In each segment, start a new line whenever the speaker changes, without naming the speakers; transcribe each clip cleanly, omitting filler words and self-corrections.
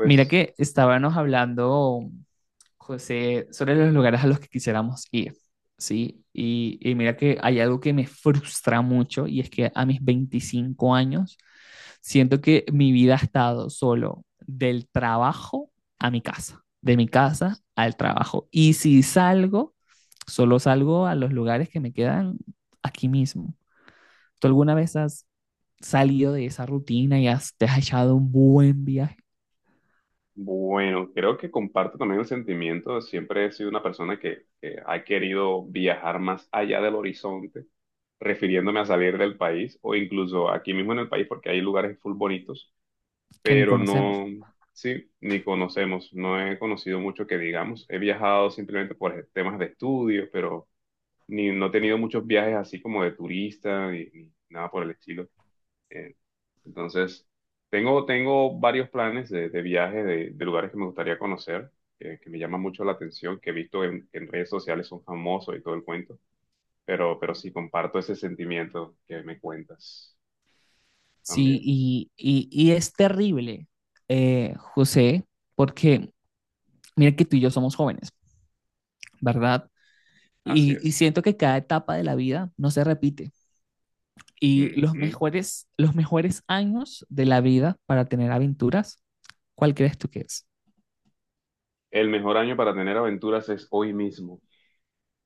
Mira que estábamos hablando, José, sobre los lugares a los que quisiéramos ir, ¿sí? Y mira que hay algo que me frustra mucho y es que a mis 25 años siento que mi vida ha estado solo del trabajo a mi casa, de mi casa al trabajo. Y si salgo, solo salgo a los lugares que me quedan aquí mismo. ¿Tú alguna vez has salido de esa rutina y te has echado un buen viaje
bueno, creo que comparto también el sentimiento. Siempre he sido una persona que ha querido viajar más allá del horizonte, refiriéndome a salir del país o incluso aquí mismo en el país porque hay lugares full bonitos,
que ni
pero
conocemos?
no, sí, ni conocemos, no he conocido mucho que digamos. He viajado simplemente por temas de estudio, pero ni, no he tenido muchos viajes así como de turista ni nada por el estilo. Eh, entonces, tengo varios planes de viaje, de lugares que me gustaría conocer, que me llaman mucho la atención, que he visto en redes sociales, son famosos y todo el cuento, pero sí comparto ese sentimiento que me cuentas
Sí,
también.
y es terrible, José, porque mira que tú y yo somos jóvenes, ¿verdad?
Así
Y
es.
siento que cada etapa de la vida no se repite. Y
Ujú.
los mejores años de la vida para tener aventuras, ¿cuál crees tú que es?
El mejor año para tener aventuras es hoy mismo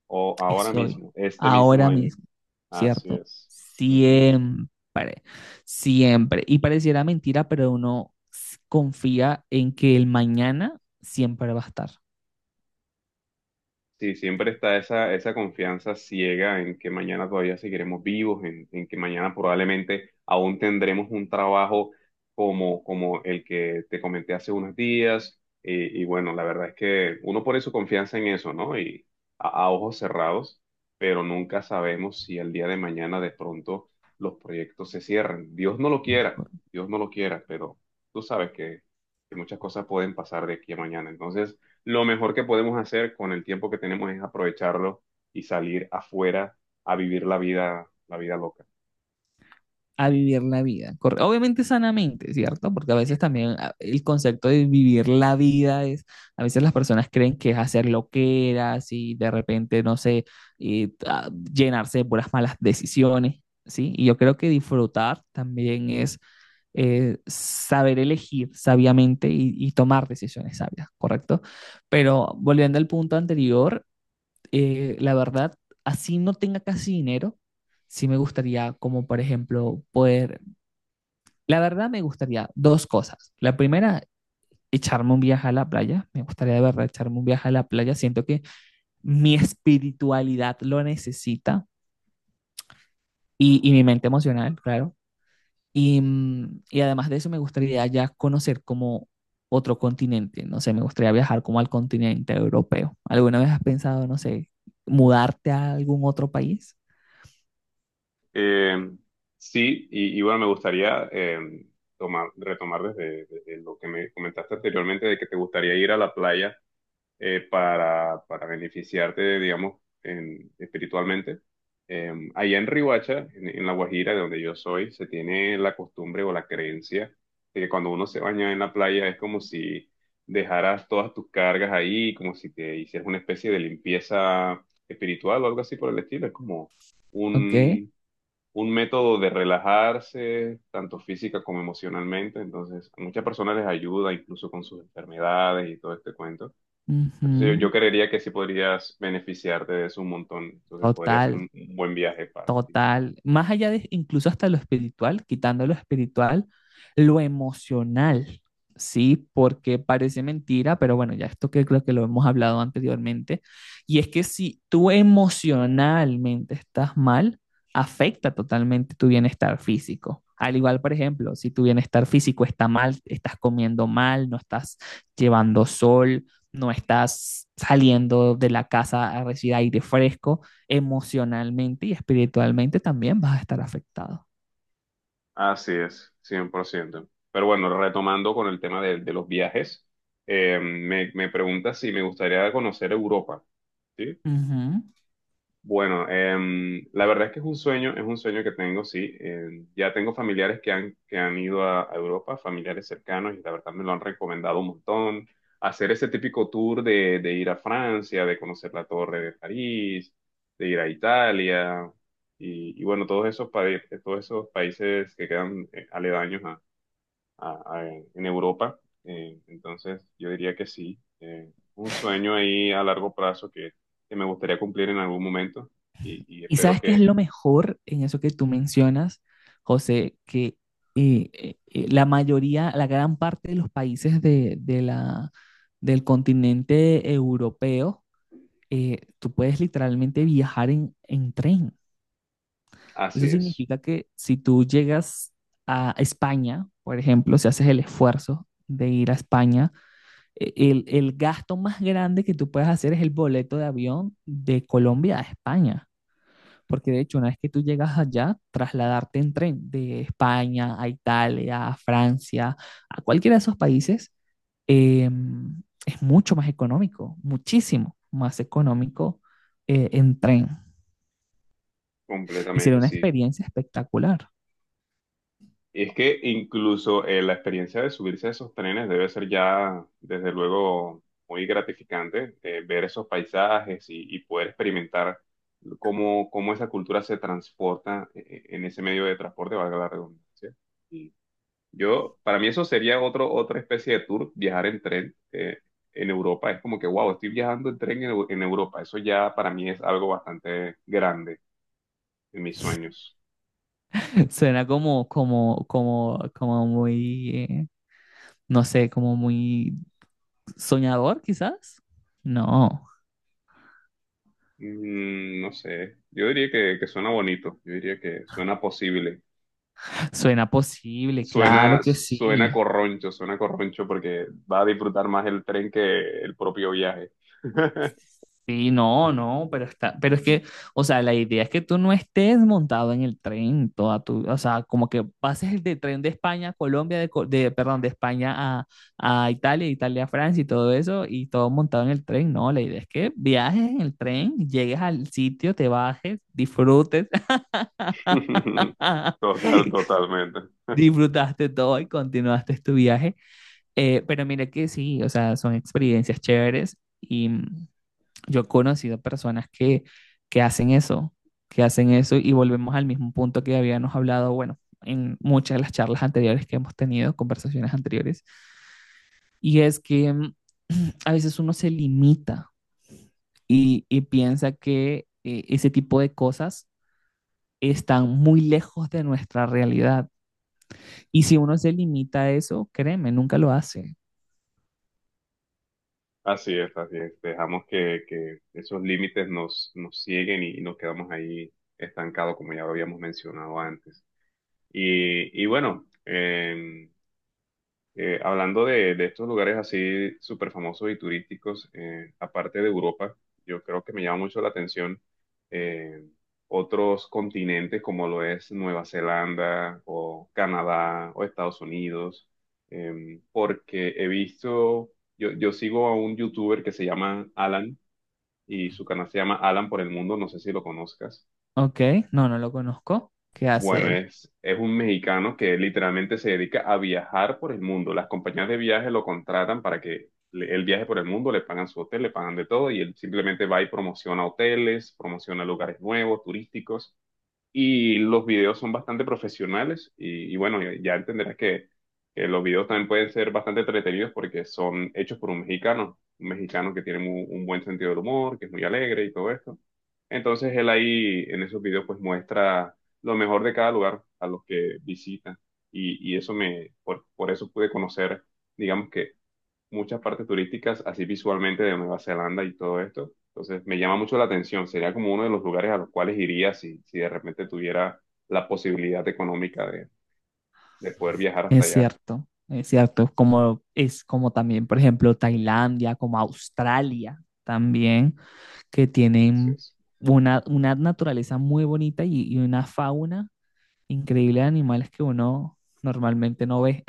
o ahora
Es hoy,
mismo, este mismo
ahora
año.
mismo,
Así
¿cierto?
es. Ujú.
Siempre, siempre. Y pareciera mentira, pero confía en que el mañana siempre va a estar.
Sí, siempre está esa confianza ciega en que mañana todavía seguiremos vivos, en que mañana probablemente aún tendremos un trabajo como el que te comenté hace unos días. Y bueno, la verdad es que uno pone su confianza en eso, ¿no? Y a ojos cerrados, pero nunca sabemos si el día de mañana de pronto los proyectos se cierran. Dios no lo quiera, Dios no lo quiera, pero tú sabes que muchas cosas pueden pasar de aquí a mañana. Entonces lo mejor que podemos hacer con el tiempo que tenemos es aprovecharlo y salir afuera a vivir la vida loca.
A vivir la vida. Obviamente sanamente, ¿cierto? Porque a veces también el concepto de vivir la vida es, a veces las personas creen que es hacer loqueras y de repente, no sé, llenarse de puras malas decisiones, ¿sí? Y yo creo que disfrutar también es saber elegir sabiamente y tomar decisiones sabias, ¿correcto? Pero volviendo al punto anterior, la verdad, así no tenga casi dinero, sí me gustaría como por ejemplo poder, la verdad me gustaría dos cosas. La primera, echarme un viaje a la playa, me gustaría de verdad echarme un viaje a la playa, siento que mi espiritualidad lo necesita y mi mente emocional, claro. Y y además de eso me gustaría ya conocer como otro continente, no sé, me gustaría viajar como al continente europeo. ¿Alguna vez has pensado, no sé, mudarte a algún otro país?
Eh, sí, y bueno, me gustaría retomar desde lo que me comentaste anteriormente de que te gustaría ir a la playa para beneficiarte, digamos, en- espiritualmente. Allá en Riohacha, en La Guajira, de donde yo soy, se tiene la costumbre o la creencia de que cuando uno se baña en la playa es como si dejaras todas tus cargas ahí, como si te hicieras una especie de limpieza espiritual o algo así por el estilo. Es como
¿Ok?
un, un método de relajarse, tanto física como emocionalmente. Entonces, a muchas personas les ayuda incluso con sus enfermedades y todo este cuento. Entonces yo
Ujú.
creería que sí podrías beneficiarte de eso un montón. Entonces podría ser
Total.
un buen viaje para ti.
Total, más allá de incluso hasta lo espiritual, quitando lo espiritual, lo emocional, ¿sí? Porque parece mentira, pero bueno, ya esto que creo que lo hemos hablado anteriormente, y es que si tú emocionalmente estás mal, afecta totalmente tu bienestar físico. Al igual, por ejemplo, si tu bienestar físico está mal, estás comiendo mal, no estás llevando sol, no estás saliendo de la casa a recibir aire fresco, emocionalmente y espiritualmente también vas a estar afectado.
Así es, 100%. Pero bueno, retomando con el tema de los viajes, me preguntas si me gustaría conocer Europa, ¿sí?
Uh -huh.
Bueno, la verdad es que es un sueño que tengo, sí. Em, ya tengo familiares que han ido a Europa, familiares cercanos, y la verdad me lo han recomendado un montón. Hacer ese típico tour de ir a Francia, de conocer la Torre de París, de ir a Italia, y bueno, todos esos países que quedan aledaños en Europa. Entonces, yo diría que sí. Un sueño ahí a largo plazo que me gustaría cumplir en algún momento y
Y
espero
sabes qué es
que
lo mejor en eso que tú mencionas, José, que la mayoría, la gran parte de los países de la, del continente europeo, tú puedes literalmente viajar en tren.
así
Eso
es,
significa que si tú llegas a España, por ejemplo, si haces el esfuerzo de ir a España, el gasto más grande que tú puedes hacer es el boleto de avión de Colombia a España. Porque de hecho, una vez que tú llegas allá, trasladarte en tren de España a Italia, a Francia, a cualquiera de esos países, eh, es mucho más económico, muchísimo más económico en tren. Y sería
completamente,
una
sí.
experiencia espectacular.
Y es que incluso la experiencia de subirse a esos trenes debe ser ya, desde luego, muy gratificante, ver esos paisajes y poder experimentar cómo esa cultura se transporta en ese medio de transporte, valga la redundancia. Yo, para mí eso sería otro, otra especie de tour, viajar en tren en Europa. Es como que, wow, estoy viajando en tren en, en Europa. Eso ya para mí es algo bastante grande en mis sueños.
Suena como muy, no sé, como muy soñador quizás. No.
Mm, no sé, yo diría que suena bonito, yo diría que suena posible.
Suena posible, claro
Suena,
que sí.
suena corroncho porque va a disfrutar más el tren que el propio viaje.
Sí, no, no, pero está, pero es que, o sea, la idea es que tú no estés montado en el tren toda tu, o sea, como que pases el de tren de España a Colombia, perdón, de España a Italia, de Italia a Francia y todo eso, y todo montado en el tren, no, la idea es que viajes en el tren, llegues al sitio, te bajes, disfrutes,
Total, totalmente.
disfrutaste todo y continuaste tu viaje. Pero mira que sí, o sea, son experiencias chéveres y yo he conocido personas que hacen eso, que hacen eso y volvemos al mismo punto que habíamos hablado, bueno, en muchas de las charlas anteriores que hemos tenido, conversaciones anteriores, y es que a veces uno se limita y piensa que ese tipo de cosas están muy lejos de nuestra realidad. Y si uno se limita a eso, créeme, nunca lo hace.
Así es, así es. Dejamos que esos límites nos, nos siguen y nos quedamos ahí estancados, como ya lo habíamos mencionado antes. Y bueno, hablando de estos lugares así súper famosos y turísticos, aparte de Europa, yo creo que me llama mucho la atención eh, otros continentes como lo es Nueva Zelanda o Canadá o Estados Unidos, em, porque he visto, yo sigo a un youtuber que se llama Alan y su canal se llama Alan por el Mundo, no sé si lo conozcas.
¿Ok? No, no lo conozco. ¿Qué hace
Bueno,
él?
es un mexicano que literalmente se dedica a viajar por el mundo. Las compañías de viaje lo contratan para que él viaje por el mundo, le pagan su hotel, le pagan de todo y él simplemente va y promociona hoteles, promociona lugares nuevos, turísticos. Y los videos son bastante profesionales y bueno, ya entenderás que los videos también pueden ser bastante entretenidos porque son hechos por un mexicano que tiene un buen sentido del humor, que es muy alegre y todo esto. Entonces él ahí en esos videos pues muestra lo mejor de cada lugar a los que visita y eso me, por eso pude conocer, digamos que muchas partes turísticas así visualmente de Nueva Zelanda y todo esto. Entonces me llama mucho la atención, sería como uno de los lugares a los cuales iría si de repente tuviera la posibilidad económica de poder viajar hasta allá.
Es cierto, como es como también, por ejemplo, Tailandia, como Australia también, que
Así
tienen
es.
una naturaleza muy bonita y una fauna increíble de animales que uno normalmente no ve.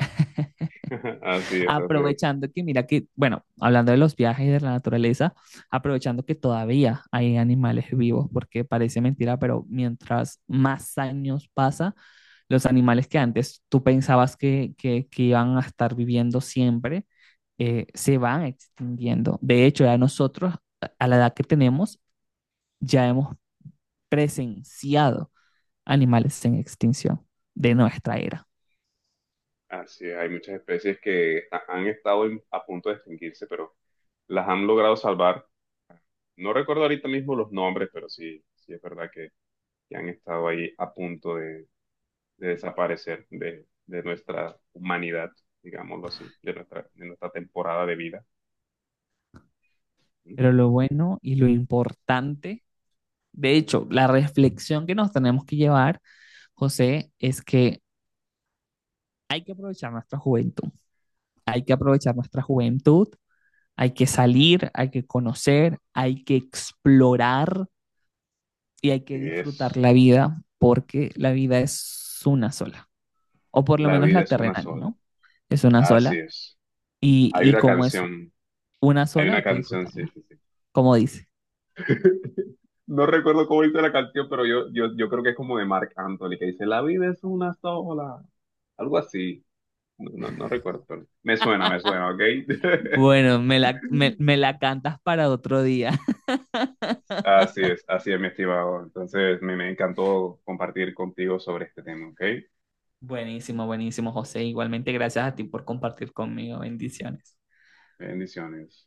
Así es, así es.
Aprovechando que, mira que, bueno, hablando de los viajes y de la naturaleza, aprovechando que todavía hay animales vivos, porque parece mentira, pero mientras más años pasa, los animales que antes tú pensabas que iban a estar viviendo siempre, se van extinguiendo. De hecho, ya nosotros, a la edad que tenemos, ya hemos presenciado animales en extinción de nuestra era.
Así es. Hay muchas especies que han estado a punto de extinguirse, pero las han logrado salvar. No recuerdo ahorita mismo los nombres, pero sí, sí es verdad que han estado ahí a punto de desaparecer de nuestra humanidad, digámoslo así, de nuestra temporada de vida, ¿sí?
Pero lo bueno y lo importante. De hecho, la reflexión que nos tenemos que llevar, José, es que hay que aprovechar nuestra juventud, hay que aprovechar nuestra juventud, hay que salir, hay que conocer, hay que explorar y hay que
Que
disfrutar
es...
la vida porque la vida es una sola, o por lo
La
menos
vida
la
es una
terrenal,
sola.
¿no? Es una
Así
sola
es.
y,
Hay
y
una
como es
canción,
una
hay
sola
una
hay que
canción, sí,
disfrutarla,
sí, sí.
como dice.
No recuerdo cómo dice la canción, pero yo creo que es como de Marc Anthony, que dice, "La vida es una sola". Algo así. No, no, no recuerdo, pero me suena, ¿ok?
Bueno, me la cantas para otro día.
Así es, mi estimado. Entonces, me encantó compartir contigo sobre este tema, ¿ok?
Buenísimo, buenísimo, José. Igualmente, gracias a ti por compartir conmigo. Bendiciones.
Bendiciones.